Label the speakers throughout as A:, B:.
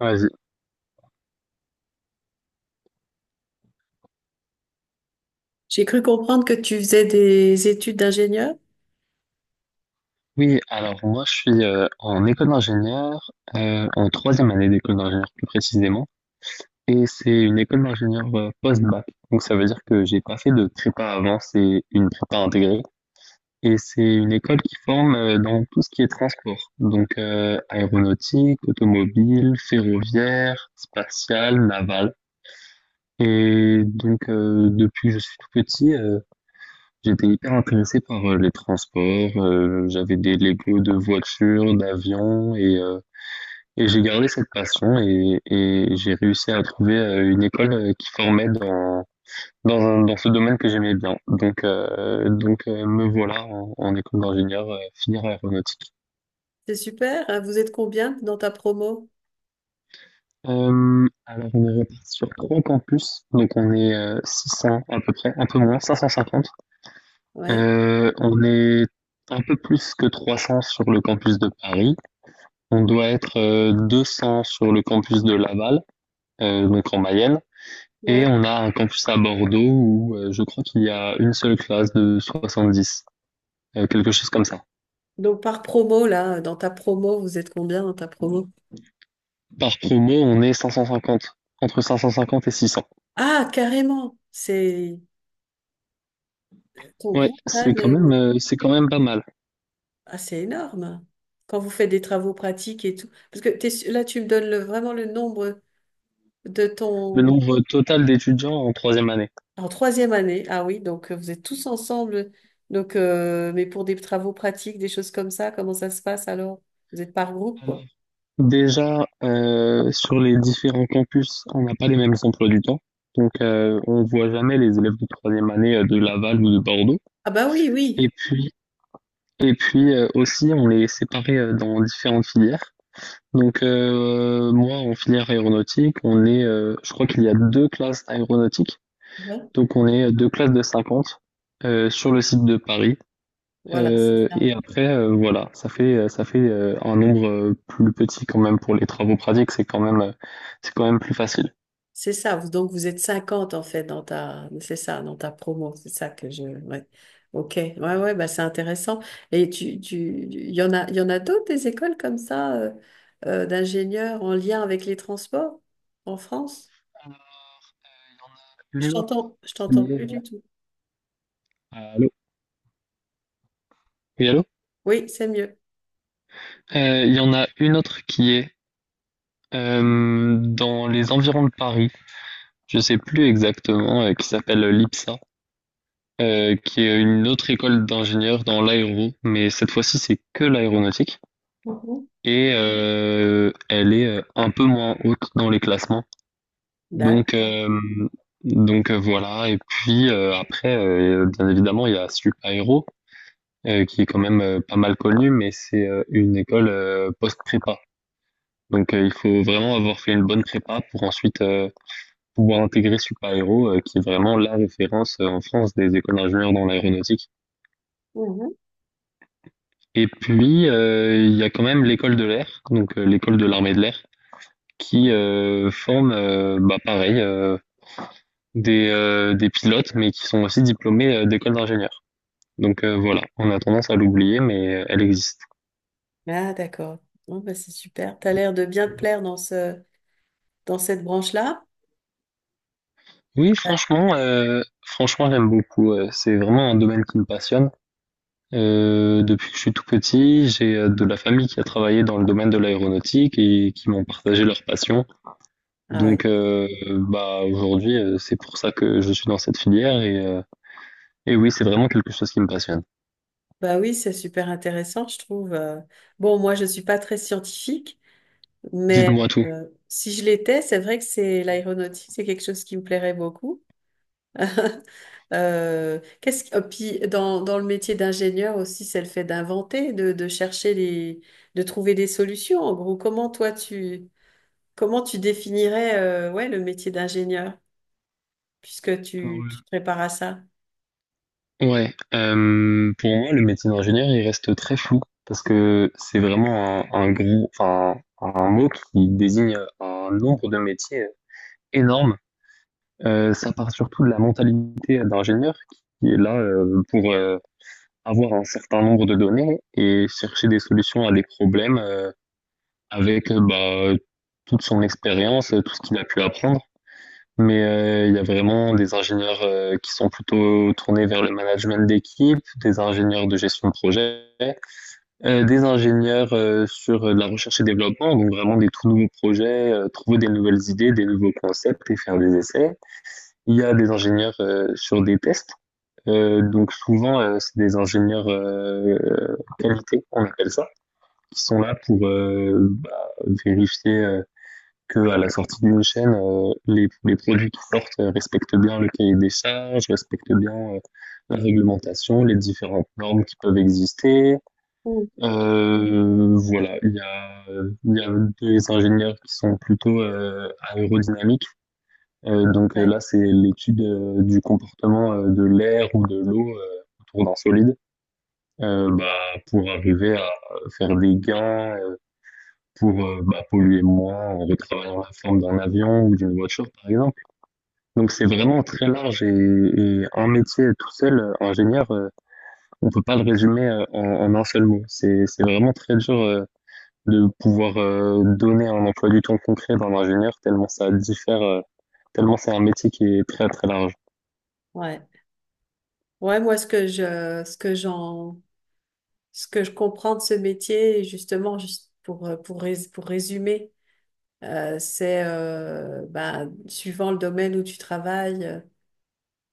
A: Vas-y.
B: J'ai cru comprendre que tu faisais des études d'ingénieur.
A: Oui, alors moi je suis en école d'ingénieur, en troisième année d'école d'ingénieur plus précisément, et c'est une école d'ingénieur post-bac. Donc ça veut dire que j'ai pas fait de prépa avant, c'est une prépa intégrée, et c'est une école qui forme dans tout ce qui est transport, donc aéronautique, automobile, ferroviaire, spatial, naval. Et donc depuis que je suis tout petit, j'étais hyper intéressé par les transports, j'avais des Legos de voitures, d'avions et j'ai gardé cette passion et j'ai réussi à trouver une école qui formait dans ce domaine que j'aimais bien. Me voilà en école d'ingénieur, finir aéronautique.
B: C'est super, hein. Vous êtes combien dans ta promo?
A: Alors on est reparti sur trois campus, donc on est 600 à peu près, un peu moins, 550.
B: Ouais.
A: On est un peu plus que 300 sur le campus de Paris. On doit être 200 sur le campus de Laval, donc en Mayenne, et
B: Ouais.
A: on a un campus à Bordeaux où je crois qu'il y a une seule classe de 70, quelque chose comme ça.
B: Donc par promo, là, dans ta promo, vous êtes combien dans ta promo?
A: Par promo, on est 550, entre 550 et 600.
B: Ah, carrément. C'est ton
A: Ouais,
B: groupe, là,
A: c'est quand même pas mal,
B: ah, c'est énorme. Quand vous faites des travaux pratiques et tout. Parce que là, tu me donnes vraiment le nombre de
A: le
B: ton...
A: nombre total d'étudiants en troisième année.
B: En troisième année. Ah oui, donc vous êtes tous ensemble. Donc, mais pour des travaux pratiques, des choses comme ça, comment ça se passe alors? Vous êtes par groupe,
A: Alors,
B: quoi.
A: déjà, sur les différents campus, on n'a pas les mêmes emplois du temps, donc on voit jamais les élèves de troisième année de Laval ou de Bordeaux.
B: Ah bah oui,
A: Et
B: oui.
A: puis, Et puis aussi, on les séparait dans différentes filières. Donc moi, en filière aéronautique, on est, je crois qu'il y a deux classes aéronautiques.
B: Ouais.
A: Donc on est deux classes de 50 sur le site de Paris.
B: Voilà, c'est
A: Euh,
B: ça.
A: et après, voilà, ça fait un nombre plus petit quand même pour les travaux pratiques. C'est quand même plus facile.
B: C'est ça. Donc vous êtes 50 en fait dans ta c'est ça, dans ta promo. C'est ça que je. Ouais. Ok. Ouais, ouais, bah c'est intéressant. Et il y en a, il y en a d'autres des écoles comme ça d'ingénieurs en lien avec les transports en France?
A: Alors,
B: Je
A: il y en a une
B: t'entends plus
A: autre qui est
B: du tout.
A: allô? Oui, allô?
B: Oui, c'est mieux.
A: Il y en a une autre qui est dans les environs de Paris. Je sais plus exactement, qui s'appelle l'IPSA, qui est une autre école d'ingénieurs dans l'aéro, mais cette fois-ci c'est que l'aéronautique
B: Mhm.
A: et elle est un peu moins haute dans les classements. Donc
B: D'accord.
A: euh, donc voilà. Et puis après, bien évidemment, il y a Supaéro qui est quand même pas mal connue, mais c'est une école post-prépa. Donc il faut vraiment avoir fait une bonne prépa pour ensuite pouvoir intégrer Supaéro, qui est vraiment la référence en France des écoles d'ingénieurs dans l'aéronautique.
B: Mhm.
A: Et puis, il y a quand même l'école de l'air, donc l'école de l'armée de l'air, qui forme, bah, pareil, des pilotes, mais qui sont aussi diplômés d'écoles d'ingénieurs. Donc voilà, on a tendance à l'oublier, mais elle existe.
B: Ah d'accord. Bon, bah, c'est super. T'as l'air de bien te plaire dans ce dans cette branche-là.
A: Oui, franchement, j'aime beaucoup. C'est vraiment un domaine qui me passionne. Depuis que je suis tout petit, j'ai de la famille qui a travaillé dans le domaine de l'aéronautique et qui m'ont partagé leur passion.
B: Ah ouais.
A: Donc, bah aujourd'hui, c'est pour ça que je suis dans cette filière et oui, c'est vraiment quelque chose qui me passionne.
B: Bah oui, c'est super intéressant, je trouve. Bon, moi, je suis pas très scientifique, mais
A: Dites-moi tout.
B: si je l'étais, c'est vrai que c'est l'aéronautique, c'est quelque chose qui me plairait beaucoup. Oh, puis dans, dans le métier d'ingénieur aussi, c'est le fait d'inventer, de chercher les, de trouver des solutions. En gros, comment tu définirais ouais, le métier d'ingénieur, puisque
A: Alors,
B: tu te prépares à ça?
A: euh, ouais, pour moi, le métier d'ingénieur, il reste très flou parce que c'est vraiment un gros, enfin, un mot qui désigne un nombre de métiers énorme. Ça part surtout de la mentalité d'ingénieur qui est là pour avoir un certain nombre de données et chercher des solutions à des problèmes avec toute son expérience, tout ce qu'il a pu apprendre. Mais il y a vraiment des ingénieurs qui sont plutôt tournés vers le management d'équipe, des ingénieurs de gestion de projet, des ingénieurs sur de la recherche et développement, donc vraiment des tout nouveaux projets, trouver des nouvelles idées, des nouveaux concepts et faire des essais. Il y a des ingénieurs sur des tests. Donc souvent, c'est des ingénieurs qualité, on appelle ça, qui sont là pour vérifier que à la sortie d'une chaîne, les produits qui sortent respectent bien le cahier des charges, respectent bien la réglementation, les différentes normes qui peuvent exister.
B: Mm.
A: Voilà, il y a des ingénieurs qui sont plutôt aérodynamiques. Donc
B: Ouais,
A: là, c'est l'étude du comportement de l'air ou de l'eau autour d'un solide. Bah, pour arriver à faire des gains, pour polluer moins en retravaillant la forme d'un avion ou d'une voiture, par exemple. Donc c'est vraiment très large et un métier tout seul, ingénieur, on peut pas le résumer, en un seul mot. C'est vraiment très dur, de pouvoir, donner un emploi du temps concret d'un ingénieur tellement ça diffère, tellement c'est un métier qui est très, très large.
B: ouais. Ouais, moi, ce que je comprends de ce métier, justement, juste pour, pour résumer, c'est bah, suivant le domaine où tu travailles,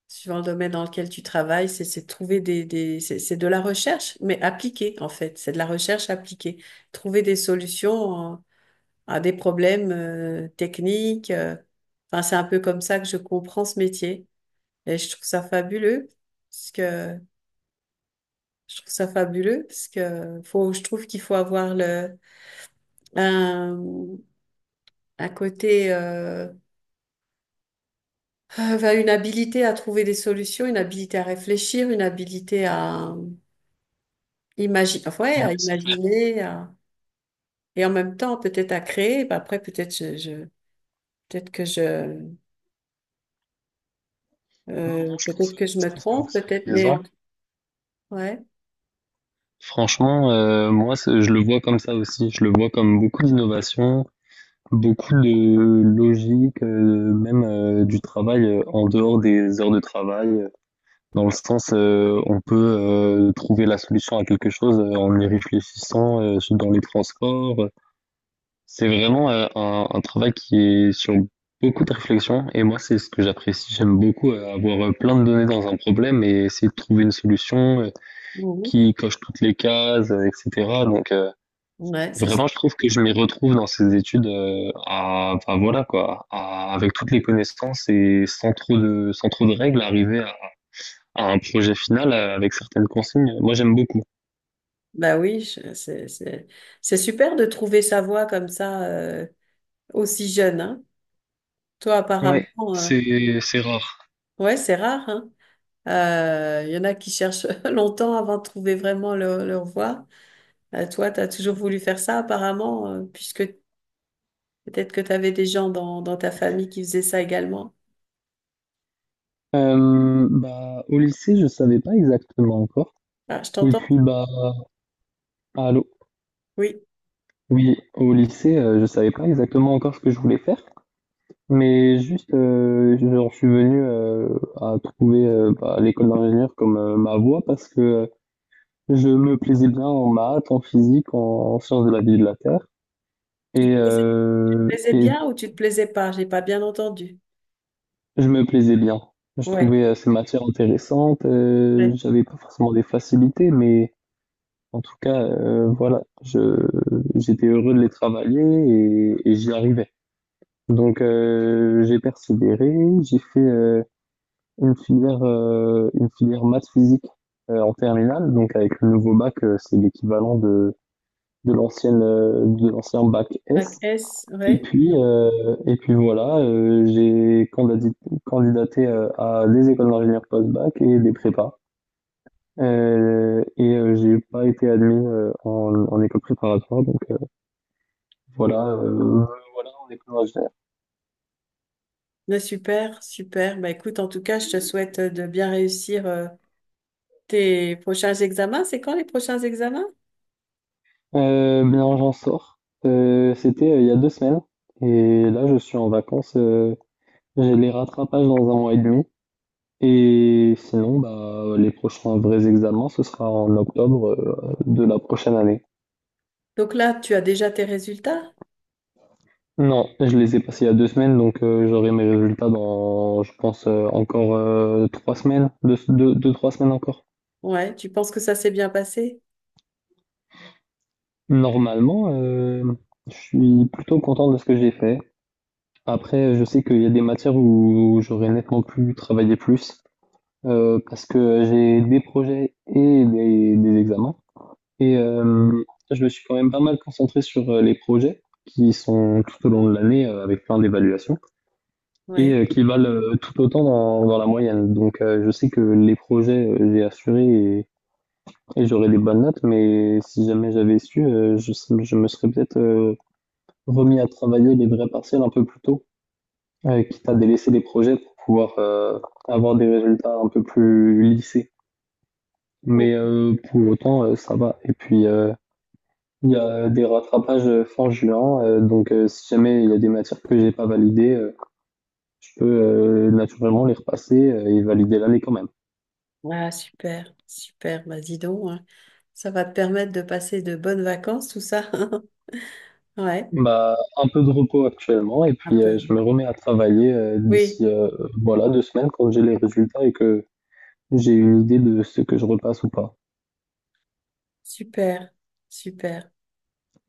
B: suivant le domaine dans lequel tu travailles, c'est de trouver des c'est de la recherche, mais appliquée en fait. C'est de la recherche appliquée. Trouver des solutions à des problèmes techniques. Enfin, c'est un peu comme ça que je comprends ce métier. Et je trouve ça fabuleux, parce que je trouve ça fabuleux, parce que faut, je trouve qu'il faut avoir un, un côté, enfin, une habilité à trouver des solutions, une habilité à réfléchir, une habilité à imaginer, ouais,
A: Oui, oui,
B: à
A: c'est clair.
B: imaginer, à- et en même temps peut-être à créer. Ben, après, peut-être que
A: Non, non,
B: peut-être que je
A: je
B: me
A: trouve que
B: trompe,
A: vous avez
B: peut-être,
A: raison.
B: ouais,
A: Franchement, moi, c'est je le vois comme ça aussi. Je le vois comme beaucoup d'innovations, beaucoup de logique, même, du travail, en dehors des heures de travail, dans le sens, on peut, trouver la solution à quelque chose, en y réfléchissant, dans les transports, c'est vraiment, un travail qui est sur beaucoup de réflexion et moi, c'est ce que j'apprécie. J'aime beaucoup, avoir, plein de données dans un problème et essayer de trouver une solution,
B: mhm.
A: qui coche toutes les cases, et cetera donc
B: ouais, c'est, su-
A: vraiment, je trouve que je m'y retrouve dans ces études, à, enfin voilà quoi, avec toutes les connaissances et sans trop de règles, arriver à un projet final avec certaines consignes. Moi, j'aime beaucoup.
B: bah oui, je- c'est, c'est, c'est super de trouver sa voie comme ça aussi jeune, hein. Toi,
A: Ouais.
B: apparemment,
A: C'est rare.
B: ouais, c'est rare, hein. Il y en a qui cherchent longtemps avant de trouver vraiment leur, leur voie. Toi, tu as toujours voulu faire ça apparemment, puisque peut-être que tu avais des gens dans ta famille qui faisaient ça également.
A: Bah, au lycée, je savais pas exactement encore.
B: Ah, je
A: Et
B: t'entends?
A: puis, bah, allô?
B: Oui.
A: Oui, au lycée, je savais pas exactement encore ce que je voulais faire. Mais juste, genre, je suis venu à trouver l'école d'ingénieur comme ma voie parce que je me plaisais bien en maths, en physique, en sciences de la vie et de la terre.
B: Tu te
A: Et,
B: plaisais, tu te
A: euh,
B: plaisais
A: et
B: bien ou tu te plaisais pas? J'ai pas bien entendu.
A: je me plaisais bien. Je
B: Ouais,
A: trouvais ces matières intéressantes.
B: ouais.
A: J'avais pas forcément des facilités, mais en tout cas, voilà, je, j'étais heureux de les travailler et j'y arrivais. Donc j'ai persévéré, j'ai fait une filière maths physique en terminale. Donc avec le nouveau bac, c'est l'équivalent de l'ancien bac
B: Bac
A: S.
B: S,
A: Et
B: ouais.
A: puis, heu, et puis voilà, j'ai candadi candidaté, à des écoles d'ingénieurs post-bac et des prépas, et j'ai pas été admis, en école préparatoire donc voilà, heu, voilà en école d'ingénieur.
B: Ouais, super, super. Bah, écoute, en tout cas, je te souhaite de bien réussir tes prochains examens. C'est quand les prochains examens?
A: Bien j'en sors, c'était, il y a 2 semaines et là je suis en vacances, j'ai les rattrapages dans un mois et demi et sinon, bah, les prochains vrais examens, ce sera en octobre, de la prochaine année.
B: Donc là, tu as déjà tes résultats?
A: Non, je les ai passés il y a deux semaines, donc j'aurai mes résultats dans, je pense, encore trois semaines, trois semaines encore.
B: Ouais, tu penses que ça s'est bien passé?
A: Normalement, je suis plutôt content de ce que j'ai fait. Après, je sais qu'il y a des matières où j'aurais nettement pu travailler plus, parce que j'ai des projets des examens. Et je me suis quand même pas mal concentré sur les projets qui sont tout au long de l'année avec plein d'évaluations. Et
B: Ouais.
A: qui valent, tout autant dans la moyenne. Donc je sais que les projets, j'ai assuré et j'aurais des bonnes notes, mais si jamais j'avais su, je me serais peut-être, remis à travailler les vrais partiels un peu plus tôt, quitte à délaisser les projets pour pouvoir, avoir des résultats un peu plus lissés.
B: Oh.
A: Mais pour autant, ça va et puis, il y a des rattrapages, fin juin, donc si jamais il y a des matières que j'ai pas validées, je peux, naturellement les repasser, et valider l'année quand même.
B: Ah, super, super. Bah, dis donc, hein. Ça va te permettre de passer de bonnes vacances, tout ça. Ouais,
A: Bah, un peu de repos actuellement et
B: un
A: puis
B: peu.
A: je me remets à travailler euh,
B: Oui,
A: d'ici euh, voilà deux semaines quand j'ai les résultats et que j'ai une idée de ce que je repasse ou pas.
B: super, super.